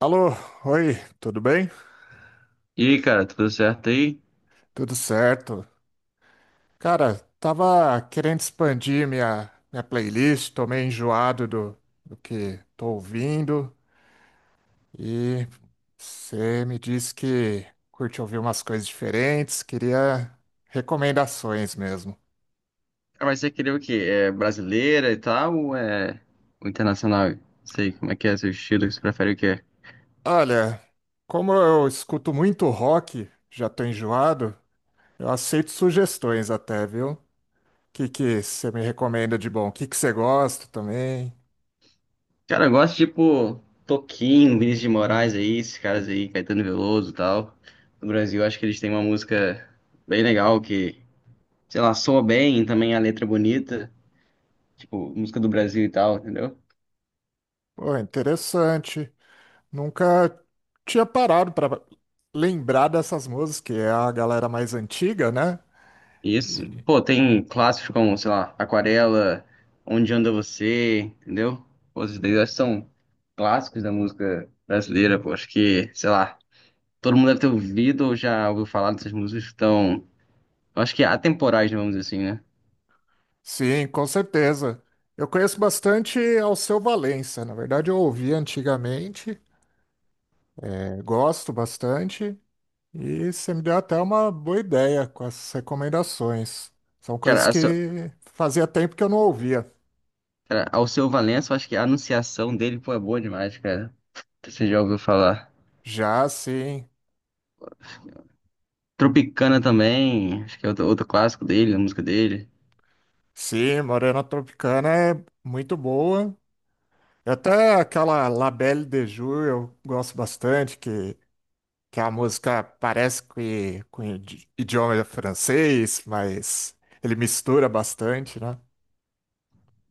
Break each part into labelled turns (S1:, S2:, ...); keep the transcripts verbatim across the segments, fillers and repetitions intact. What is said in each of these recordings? S1: Alô, oi, tudo bem?
S2: E cara, tudo certo aí?
S1: Tudo certo. Cara, tava querendo expandir minha, minha playlist, tô meio enjoado do, do que tô ouvindo e você me disse que curte ouvir umas coisas diferentes, queria recomendações mesmo.
S2: Ah, mas você queria o quê? É brasileira e tal ou é o internacional? Não sei como é que é seu estilo, você prefere o quê?
S1: Olha, como eu escuto muito rock, já tô enjoado, eu aceito sugestões até, viu? O que que você me recomenda de bom? O que que você gosta também?
S2: Cara, eu gosto tipo Toquinho, Vinícius de Moraes aí, esses caras aí, Caetano Veloso e tal. No Brasil, eu acho que eles têm uma música bem legal que, sei lá, soa bem, também a letra é bonita, tipo, música do Brasil e tal, entendeu?
S1: Pô, interessante. Nunca tinha parado pra lembrar dessas músicas, que é a galera mais antiga, né?
S2: Isso.
S1: E-
S2: Pô, tem clássicos como, sei lá, Aquarela, Onde Anda Você, entendeu? Pô, esses daí eu acho que são clássicos da música brasileira, pô. Acho que, sei lá, todo mundo deve ter ouvido ou já ouviu falar dessas músicas que estão, eu acho que atemporais, né, vamos dizer assim, né?
S1: sim, com certeza. Eu conheço bastante Alceu Valença. Na verdade, eu ouvi antigamente, é, gosto bastante, e você me deu até uma boa ideia com essas recomendações. São coisas
S2: Cara, a seu,
S1: que fazia tempo que eu não ouvia.
S2: cara, Alceu Valença, eu acho que a anunciação dele, pô, é boa demais, cara. Você já ouviu falar.
S1: Já, sim.
S2: Tropicana também, acho que é outro, outro clássico dele, a música dele.
S1: Sim, Morena Tropicana é muito boa. É, até aquela La Belle de Jour eu gosto bastante, que, que a música parece que, com idi- idioma francês, mas ele mistura bastante, né?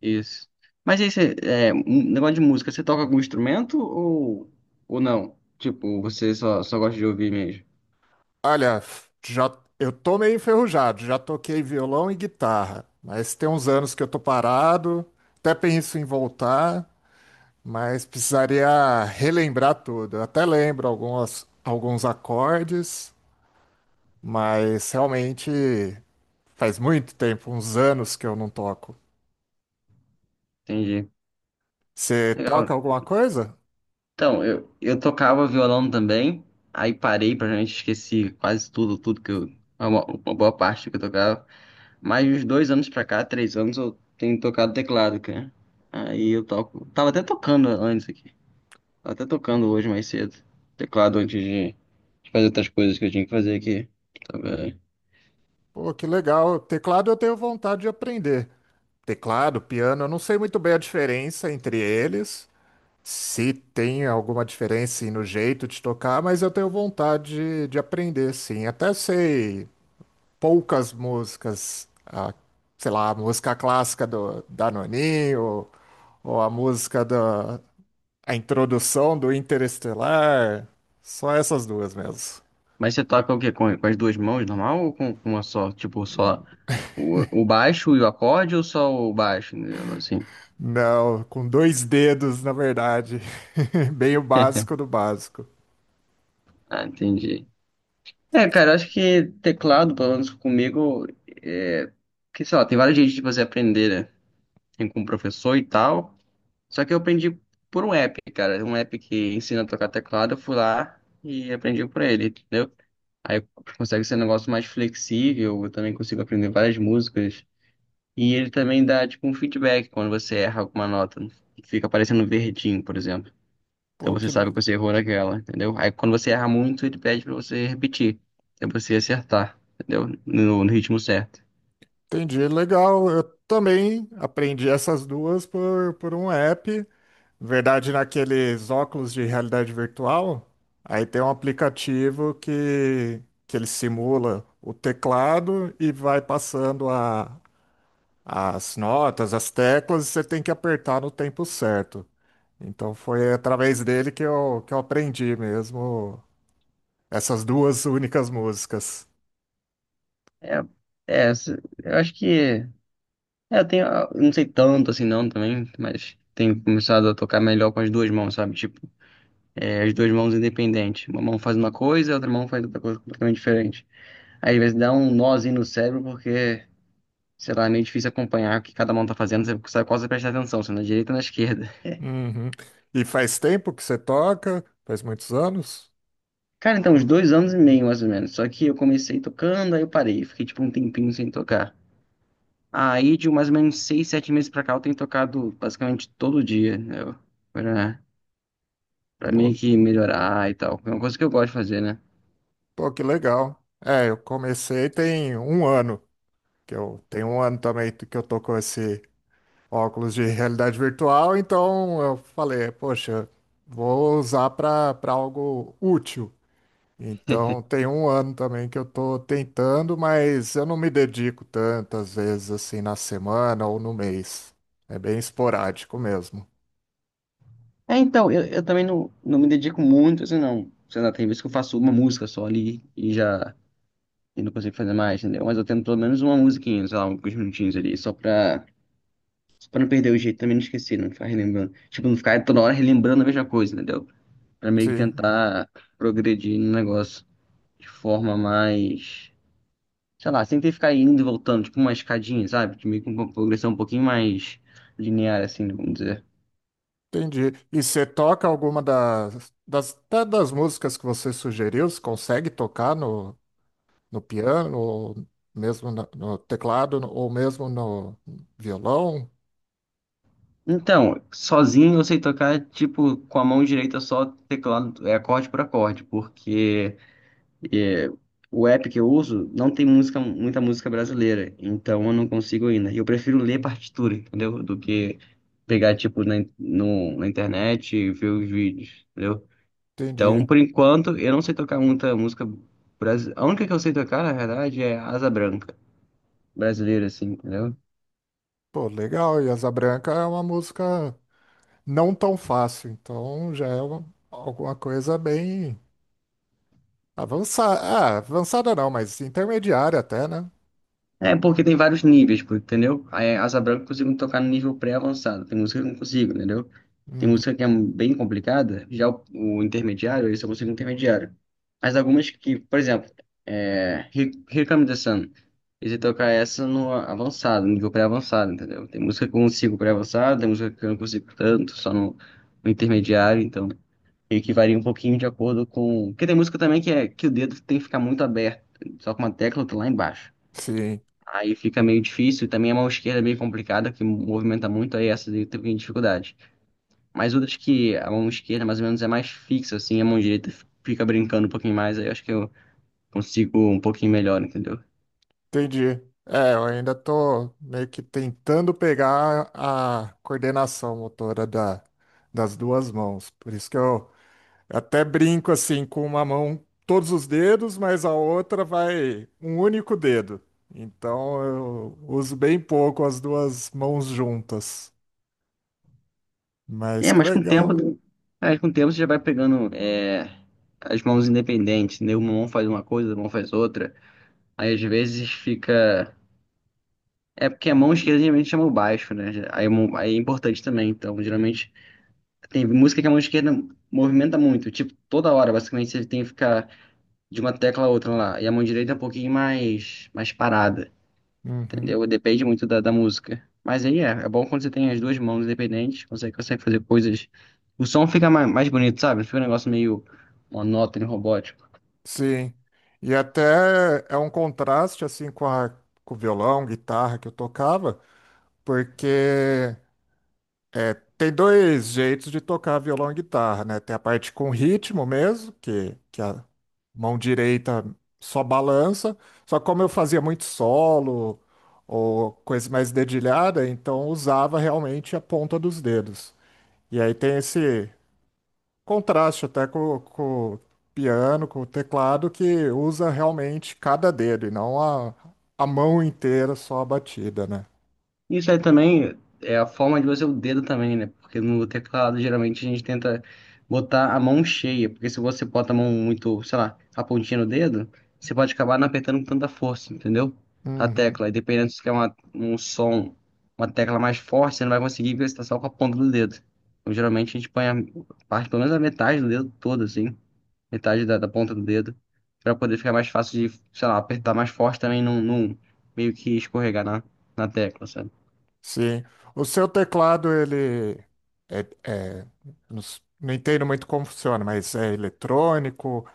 S2: Isso. Mas aí você, é, um negócio de música, você toca algum instrumento ou, ou não? Tipo, você só, só gosta de ouvir mesmo.
S1: Olha, já, eu tô meio enferrujado, já toquei violão e guitarra, mas tem uns anos que eu tô parado, até penso em voltar, mas precisaria relembrar tudo. Eu até lembro algumas, alguns acordes, mas realmente, faz muito tempo, uns anos que eu não toco.
S2: Entendi.
S1: Você toca
S2: Legal.
S1: alguma coisa?
S2: Então, eu, eu tocava violão também, aí parei, praticamente esqueci quase tudo, tudo que eu, uma, uma boa parte do que eu tocava. Mas uns dois anos pra cá, três anos, eu tenho tocado teclado, cara. Aí eu toco. Tava até tocando antes aqui. Tava até tocando hoje mais cedo. Teclado antes de de fazer outras coisas que eu tinha que fazer aqui. Tava.
S1: Pô, que legal. Teclado eu tenho vontade de aprender. Teclado, piano, eu não sei muito bem a diferença entre eles. Se tem alguma diferença no jeito de tocar, mas eu tenho vontade de, de aprender, sim. Até sei poucas músicas, ah, sei lá, a música clássica do Danoninho, ou ou a música da a introdução do Interestelar. Só essas duas mesmo.
S2: Mas você toca o quê? Com, com as duas mãos, normal? Ou com, com uma só? Tipo, só o, o baixo e o acorde ou só o baixo? Né, assim.
S1: Não, com dois dedos, na verdade. Bem o básico do básico.
S2: Ah, entendi. É, cara, eu acho que teclado, pelo menos comigo, é... que, sei lá, tem vários jeitos de você aprender, né? Tem com o professor e tal. Só que eu aprendi por um app, cara. Um app que ensina a tocar teclado, eu fui lá e aprendi por ele, entendeu? Aí consegue ser um negócio mais flexível, eu também consigo aprender várias músicas. E ele também dá tipo um feedback quando você erra alguma nota, que fica aparecendo verdinho, por exemplo. Então
S1: Pô,
S2: você
S1: que
S2: sabe que você errou naquela, entendeu? Aí quando você erra muito, ele pede pra você repetir, pra você acertar, entendeu? No, no ritmo certo.
S1: entendi, legal. Eu também aprendi essas duas por, por um app. Na verdade, naqueles óculos de realidade virtual, aí tem um aplicativo que, que ele simula o teclado e vai passando a- as notas, as teclas, e você tem que apertar no tempo certo. Então foi através dele que eu, que eu aprendi mesmo essas duas únicas músicas.
S2: É, é, essa- eu acho que é, eu tenho, eu não sei tanto assim não também, mas tenho começado a tocar melhor com as duas mãos, sabe? Tipo, é, as duas mãos independentes. Uma mão faz uma coisa, a outra mão faz outra coisa completamente diferente. Aí às vezes dá um nozinho no cérebro porque sei lá, é meio difícil acompanhar o que cada mão tá fazendo, você sabe qual você presta atenção, se é na direita ou na esquerda.
S1: Uhum. E faz tempo que você toca? Faz muitos anos?
S2: Cara, então, uns dois anos e meio, mais ou menos. Só que eu comecei tocando, aí eu parei, fiquei tipo um tempinho sem tocar. Aí, de mais ou menos seis, sete meses pra cá, eu tenho tocado basicamente todo dia, né? Eu- Pra, pra meio
S1: Pô,
S2: que melhorar e tal. É uma coisa que eu gosto de fazer, né?
S1: pô, que legal. É, eu comecei tem um ano, que eu tenho um ano também que eu tô com esse óculos de realidade virtual, então eu falei, poxa, vou usar para para algo útil. Então tem um ano também que eu tô tentando, mas eu não me dedico tantas vezes assim na semana ou no mês. É bem esporádico mesmo.
S2: É, então, eu, eu também não, não me dedico muito, assim, não. Sei lá, tem vezes que eu faço uma música só ali e já e não consigo fazer mais, entendeu? Mas eu tento pelo menos uma musiquinha, sei lá, alguns minutinhos ali, só pra Pra não perder o jeito, também não esquecer, não ficar relembrando. Tipo, não ficar toda hora relembrando a mesma coisa, entendeu? Pra meio que
S1: Sim,
S2: tentar progredir no negócio de forma mais. Sei lá, sem ter que ficar indo e voltando, tipo uma escadinha, sabe? Que meio que uma progressão um pouquinho mais linear, assim, vamos dizer.
S1: entendi. E você toca alguma das, das, até das músicas que você sugeriu? Você consegue tocar no, no piano, ou mesmo na- no teclado, ou mesmo no violão?
S2: Então, sozinho eu sei tocar, tipo, com a mão direita só teclado, é acorde por acorde, porque. é, o app que eu uso não tem música, muita música brasileira, então eu não consigo ainda. E eu prefiro ler partitura, entendeu? Do que pegar, tipo, na, in- no, na internet e ver os vídeos, entendeu? Então,
S1: Entendi.
S2: por enquanto, eu não sei tocar muita música brasileira. A única que eu sei tocar, na verdade, é Asa Branca, brasileira, assim, entendeu?
S1: Pô, legal. E Asa Branca é uma música não tão fácil, então já é uma- alguma coisa bem avançada. Ah, avançada não, mas intermediária até, né?
S2: É, porque tem vários níveis, pô, entendeu? Aí, é Asa Branca eu consigo tocar no nível pré-avançado. Tem música que eu não consigo, entendeu? Tem
S1: Uhum.
S2: música que é bem complicada. Já o, o intermediário, esse eu consigo intermediário. Mas algumas que, por exemplo, é, Here Here Comes the Sun. Eu sei tocar essa no avançado, no nível pré-avançado, entendeu? Tem música que eu consigo pré-avançado, tem música que eu não consigo tanto, só no, no intermediário. Então, meio que varia um pouquinho de acordo com. Porque tem música também que, é, que o dedo tem que ficar muito aberto. Só com uma tecla, eu lá embaixo.
S1: Sim.
S2: Aí fica meio difícil. E também a mão esquerda é meio complicada, que movimenta muito, aí essa daí tem dificuldade. Mas outras que a mão esquerda mais ou menos é mais fixa, assim, a mão direita fica brincando um pouquinho mais, aí eu acho que eu consigo um pouquinho melhor, entendeu?
S1: Entendi. É, eu ainda tô meio que tentando pegar a coordenação motora da, das duas mãos. Por isso que eu até brinco assim, com uma mão todos os dedos, mas a outra vai um único dedo. Então eu uso bem pouco as duas mãos juntas. Mas
S2: É,
S1: que
S2: mas com o tempo,
S1: legal.
S2: né? É, com o tempo você já vai pegando é, as mãos independentes, entendeu? Uma mão faz uma coisa, a mão faz outra. Aí às vezes fica. É porque a mão esquerda geralmente chama o baixo, né? Aí, a mão- aí é importante também, então geralmente. Tem música que a mão esquerda movimenta muito, tipo, toda hora, basicamente, você tem que ficar de uma tecla a outra lá. E a mão direita é um pouquinho mais, mais parada,
S1: Uhum.
S2: entendeu? Depende muito da, da música. Mas aí é, é bom quando você tem as duas mãos independentes, consegue, consegue fazer coisas. O som fica mais, mais bonito, sabe? Fica um negócio meio monótono, robótico.
S1: Sim. E até é um contraste assim com a, com o violão, guitarra que eu tocava, porque é, tem dois jeitos de tocar violão e guitarra, né? Tem a parte com ritmo mesmo, que, que a mão direita só balança. Só que como eu fazia muito solo ou coisa mais dedilhada, então usava realmente a ponta dos dedos. E aí tem esse contraste até com, com o piano, com o teclado, que usa realmente cada dedo e não a, a mão inteira só a batida, né?
S2: Isso aí também é a forma de você o dedo também, né? Porque no teclado geralmente a gente tenta botar a mão cheia, porque se você bota a mão muito, sei lá, a pontinha no dedo, você pode acabar não apertando com tanta força, entendeu? A
S1: Uhum.
S2: tecla. E dependendo se quer uma, um som, uma tecla mais forte, você não vai conseguir porque você tá só com a ponta do dedo. Então geralmente a gente põe a parte, pelo menos a metade do dedo todo, assim, metade da, da ponta do dedo, pra poder ficar mais fácil de, sei lá, apertar mais forte também, não, não meio que escorregar na, na tecla, sabe?
S1: Sim. O seu teclado, ele é, é- não, s- não entendo muito como funciona, mas é eletrônico,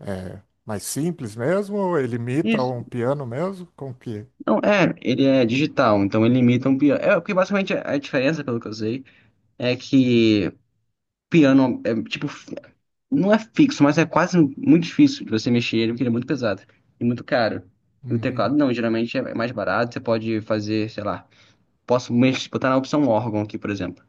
S1: é mais simples mesmo, ou ele imita
S2: Isso.
S1: um piano mesmo? Com que?
S2: Não, é, ele é digital, então ele imita um piano. É, porque basicamente é, a diferença, pelo que eu sei, é que piano é tipo, fi- não é fixo, mas é quase muito difícil de você mexer ele, porque ele é muito pesado e muito caro. E o
S1: Uhum.
S2: teclado não, geralmente é mais barato, você pode fazer, sei lá, posso mexer, botar na opção órgão aqui, por exemplo.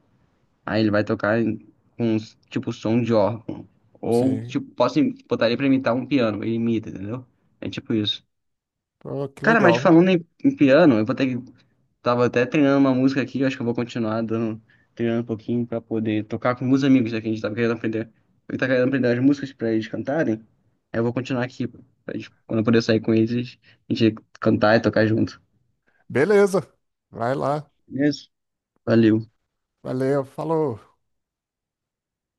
S2: Aí ele vai tocar em- com tipo som de órgão. Ou
S1: Sim.
S2: tipo, posso im- botar ele pra imitar um piano, ele imita, entendeu? É tipo isso.
S1: Pô, que
S2: Cara, mas
S1: legal.
S2: falando em, em piano, eu vou ter que Tava até treinando uma música aqui, acho que eu vou continuar dando, treinando um pouquinho pra poder tocar com meus amigos aqui. A gente tava querendo aprender. Eu tava querendo aprender as músicas pra eles cantarem. Aí eu vou continuar aqui, pra eles, quando eu puder sair com eles, a gente cantar e tocar junto.
S1: Beleza. Vai lá.
S2: Beleza? Valeu.
S1: Valeu. Falou.